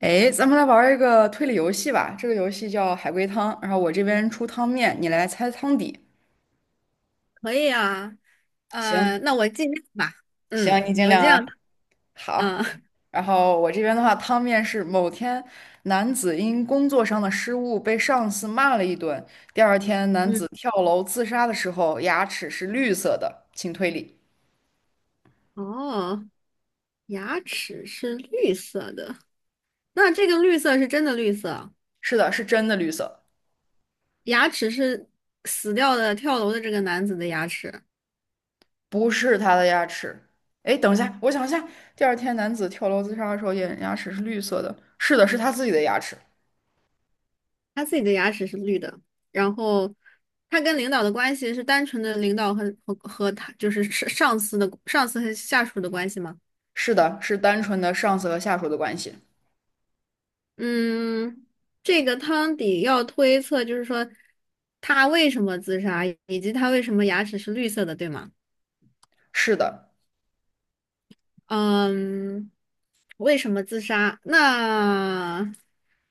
哎，咱们来玩儿一个推理游戏吧。这个游戏叫海龟汤，然后我这边出汤面，你来猜汤底。可以啊，行那我尽量吧。行，你嗯，尽我量尽量。啊。好，嗯 然后我这边的话，汤面是某天男子因工作上的失误被上司骂了一顿，第二天 男嗯，子跳楼自杀的时候牙齿是绿色的，请推理。哦，牙齿是绿色的，那这个绿色是真的绿色啊。是的，是真的绿色，牙齿是死掉的跳楼的这个男子的牙齿，不是他的牙齿。哎，等一下，我想一下，第二天男子跳楼自杀的时候，眼牙齿是绿色的。是的，是他自己的牙齿。他自己的牙齿是绿的。然后他跟领导的关系是单纯的领导和他就是上司的上司和下属的关系吗？是的，是单纯的上司和下属的关系。嗯，这个汤底要推测，就是说他为什么自杀，以及他为什么牙齿是绿色的，对吗？是的，嗯，为什么自杀？那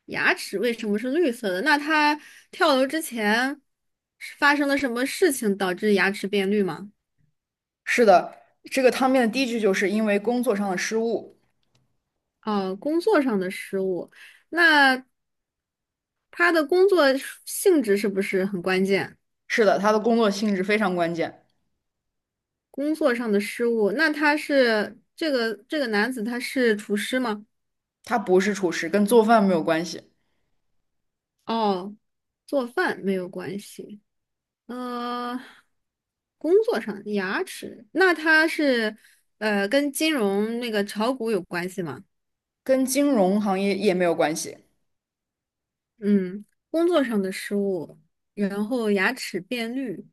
牙齿为什么是绿色的？那他跳楼之前是发生了什么事情导致牙齿变绿吗？是的，这个汤面的第一句就是因为工作上的失误。哦，工作上的失误。那他的工作性质是不是很关键？是的，他的工作性质非常关键，工作上的失误，那他是这个男子他是厨师吗？他不是厨师，跟做饭没有关系，哦，做饭没有关系。呃，工作上牙齿，那他是跟金融那个炒股有关系吗？跟金融行业也没有关系。嗯，工作上的失误，然后牙齿变绿。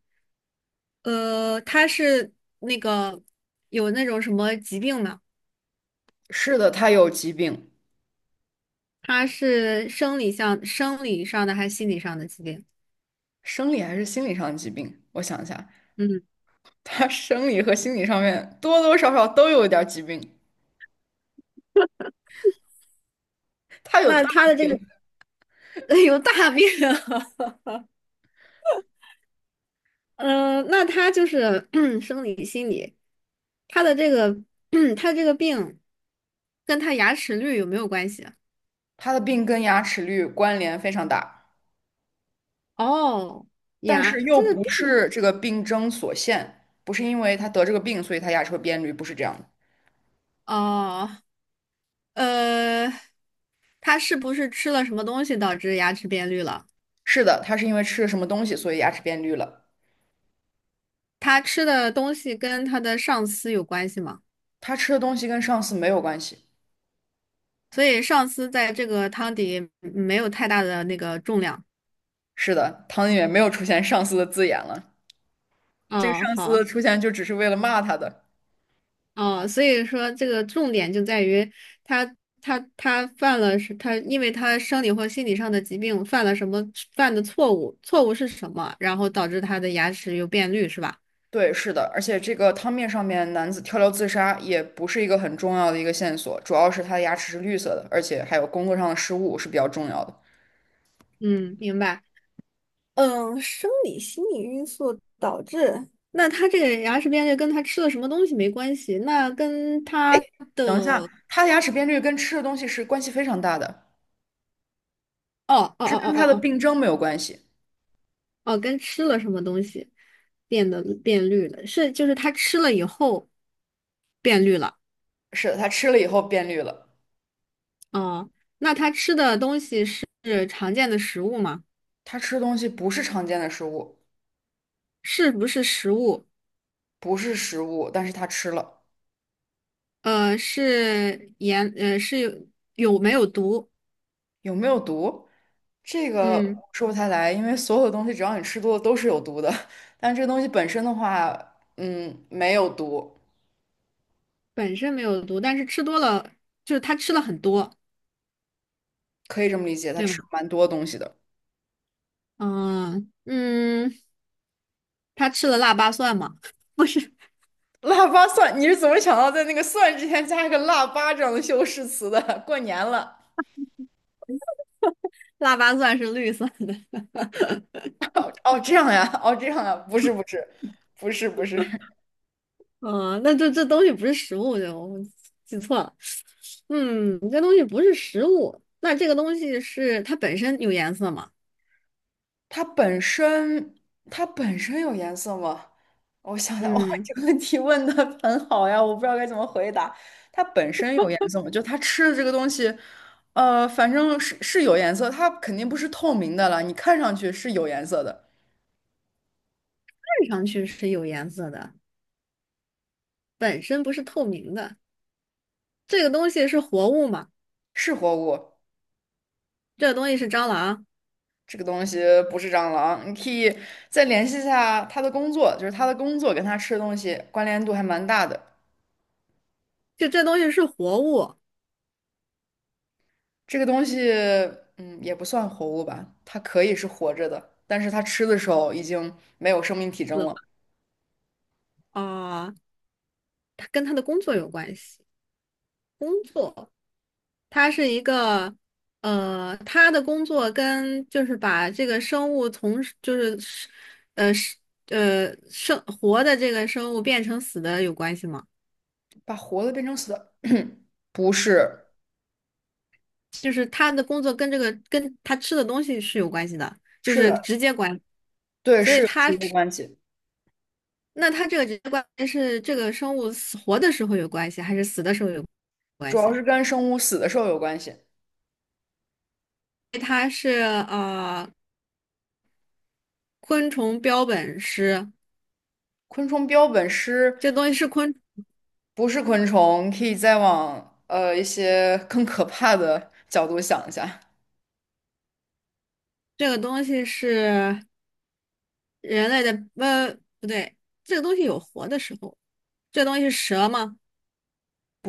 他是那个有那种什么疾病吗？是的，他有疾病，他是生理上的还是心理上的疾病？生理还是心理上的疾病？我想一下，嗯。他生理和心理上面多多少少都有一点儿疾病，他有那大他的这病，个 有大病啊。嗯，那他就是 生理、心理，他的这个 他这个病跟他牙齿绿有没有关系啊。他的病跟牙齿率关联非常大。哦，但牙，是又这个不病。是这个病症所限，不是因为他得这个病，所以他牙齿会变绿，不是这样的。哦，呃，他是不是吃了什么东西导致牙齿变绿了？是的，他是因为吃了什么东西，所以牙齿变绿了。他吃的东西跟他的上司有关系吗？他吃的东西跟上司没有关系。所以上司在这个汤底没有太大的那个重量。是的，汤里面没有出现上司的字眼了，这个哦，上司好。的出现就只是为了骂他的。哦，所以说这个重点就在于他他犯了是他，因为他生理或心理上的疾病犯了什么犯的错误，错误是什么，然后导致他的牙齿又变绿，是吧？对，是的，而且这个汤面上面男子跳楼自杀也不是一个很重要的一个线索，主要是他的牙齿是绿色的，而且还有工作上的失误是比较重要的。嗯，明白。嗯，生理心理因素导致。那他这个牙齿变绿跟他吃了什么东西没关系，那跟他的等一下，他的牙齿变绿跟吃的东西是关系非常大的。哦哦哦是跟它哦的哦。病症没有关系。哦哦，跟吃了什么东西变得变绿了，是就是他吃了以后变绿了。是的，它吃了以后变绿了。哦，那他吃的东西是常见的食物吗？它吃东西不是常见的食物，是不是食物？不是食物，但是它吃了，是盐，是有有没有毒？有没有毒？这个嗯，说不太来，因为所有的东西只要你吃多了都是有毒的。但这个东西本身的话，嗯，没有毒，本身没有毒，但是吃多了，就是他吃了很多，可以这么理解。它对吗？吃了蛮多东西的。嗯嗯，他吃了腊八蒜吗？不是，腊八蒜，你是怎么想到在那个蒜之前加一个腊八这样的修饰词的？过年了，腊八蒜是绿色的。哦，这样呀，哦，这样呀，不是，不是，不是，不是。嗯，那这东西不是食物，就我记错了。嗯，这东西不是食物，那这个东西是它本身有颜色吗？它本身它本身有颜色吗？我想想，哇，嗯。这个问题问的很好呀，我不知道该怎么回答。它本身有颜色吗？就它吃的这个东西，反正是有颜色，它肯定不是透明的了，你看上去是有颜色的，看上去是有颜色的，本身不是透明的。这个东西是活物嘛？是活物。这个东西是蟑螂，这个东西不是蟑螂，你可以再联系一下它的工作，就是它的工作跟它吃的东西关联度还蛮大的。就这东西是活物，这个东西，嗯，也不算活物吧，它可以是活着的，但是它吃的时候已经没有生命体死征了了，啊，它跟它的工作有关系。工作，它是一个，它的工作跟就是把这个生物从就是呃是生活的这个生物变成死的有关系吗？把活的变成死的，不是，就是它的工作跟跟它吃的东西是有关系的，就是是的，直接关系。对，所以是有它，直接关系，那它这个直接关系是这个生物死活的时候有关系，还是死的时候有主关系？要是跟生物死的时候有关系。它是呃昆虫标本师，昆虫标本师这个东西是昆，不是昆虫，可以再往一些更可怕的角度想一下，这个东西是人类的，呃，不对，这个东西有活的时候，这个东西是蛇吗？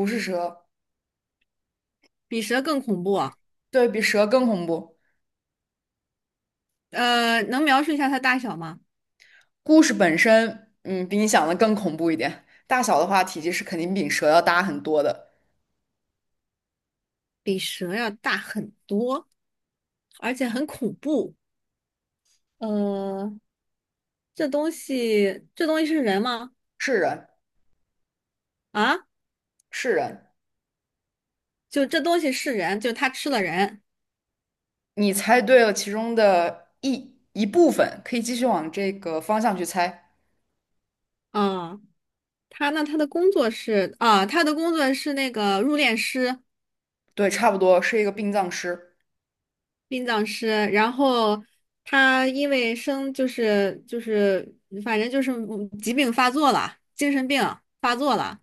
不是蛇，比蛇更恐怖啊。对比蛇更恐怖。能描述一下它大小吗？故事本身，嗯，比你想的更恐怖一点。大小的话，体积是肯定比蛇要大很多的。比蛇要大很多，而且很恐怖。呃，这东西，这东西是人吗？是人，啊？是人，就这东西是人，就他吃了人。你猜对了其中的一部分，可以继续往这个方向去猜。啊，他那他的工作是啊，他的工作是那个入殓师、对，差不多是一个殡葬师，殡葬师。然后他因为生就是就是，反正就是疾病发作了，精神病发作了，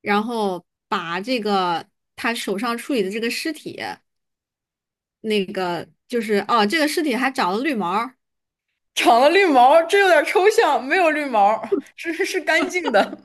然后把这个他手上处理的这个尸体，就是哦，这个尸体还长了绿毛。长了绿毛这有点抽象，没有绿毛是干净的。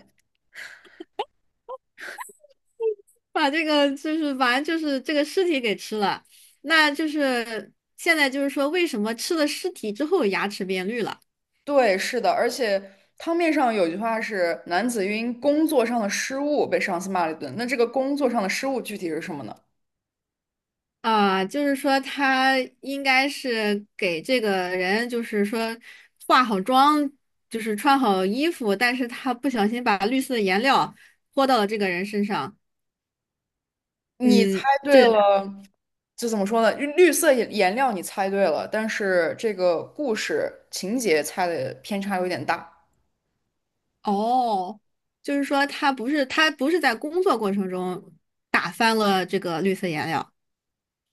把这个就是反正就是这个尸体给吃了，那就是现在就是说为什么吃了尸体之后牙齿变绿了。 对，是的，而且汤面上有句话是“男子因工作上的失误被上司骂了一顿”，那这个工作上的失误具体是什么呢？啊、就是说他应该是给这个人就是说化好妆，就是穿好衣服，但是他不小心把绿色的颜料泼到了这个人身上，你猜嗯，对这是了，就怎么说呢？绿色颜料你猜对了，但是这个故事情节猜的偏差有点大。他。哦，就是说他不是在工作过程中打翻了这个绿色颜料。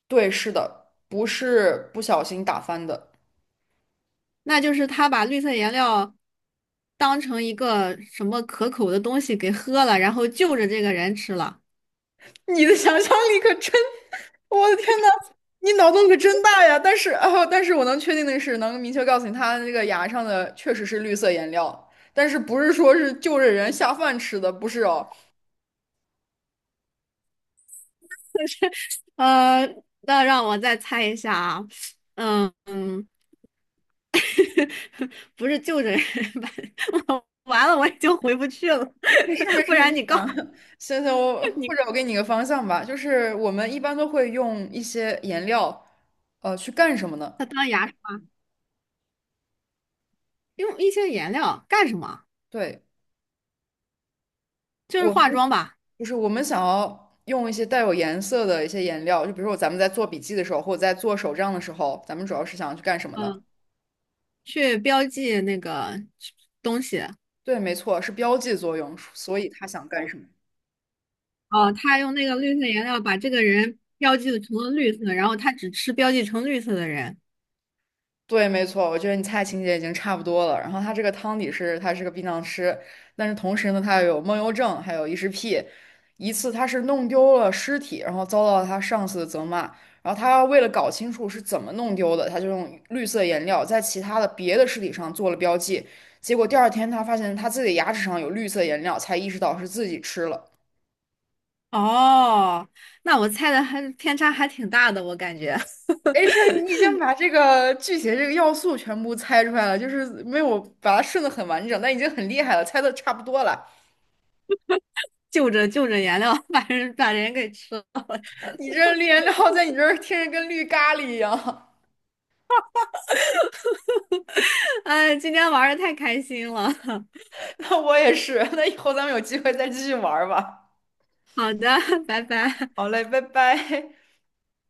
对，是的，不是不小心打翻的。那就是他把绿色颜料当成一个什么可口的东西给喝了，然后就着这个人吃了。你的想象力可真，我的天呐，你脑洞可真大呀！但是，哦，但是我能确定的是，能明确告诉你，他那个牙上的确实是绿色颜料，但是不是说是就着人下饭吃的，不是哦。呃，那让我再猜一下啊，嗯嗯，不是就着人吧 我完了，我已经回不去了，没事没 不事，然你你告想，行行，我或者我你给你个方向吧，就是我们一般都会用一些颜料，去干什么呢？他当牙刷用一些颜料干什么？对。就是我们。化妆吧，就是我们想要用一些带有颜色的一些颜料，就比如说咱们在做笔记的时候，或者在做手账的时候，咱们主要是想要去干什么呢？嗯，去标记那个东西。对，没错，是标记作用，所以他想干什么？哦，他用那个绿色颜料把这个人标记成了绿色，然后他只吃标记成绿色的人。对，没错，我觉得你猜情节已经差不多了。然后他这个汤底是，他是个殡葬师，但是同时呢，他又有梦游症，还有异食癖。一次他是弄丢了尸体，然后遭到他上司的责骂。然后他为了搞清楚是怎么弄丢的，他就用绿色颜料在其他的别的尸体上做了标记。结果第二天他发现他自己的牙齿上有绿色颜料，才意识到是自己吃了。哦，那我猜的还偏差还挺大的，我感觉 没事儿，你已经把这个剧情这个要素全部猜出来了，就是没有把它顺的很完整，但已经很厉害了，猜的差不多了。就着颜料把人给吃了，我天你这呐，绿颜料在你这儿听着跟绿咖喱一样，哎，今天玩的太开心了。那我也是。那以后咱们有机会再继续玩儿吧。好的，拜拜。好嘞，拜拜。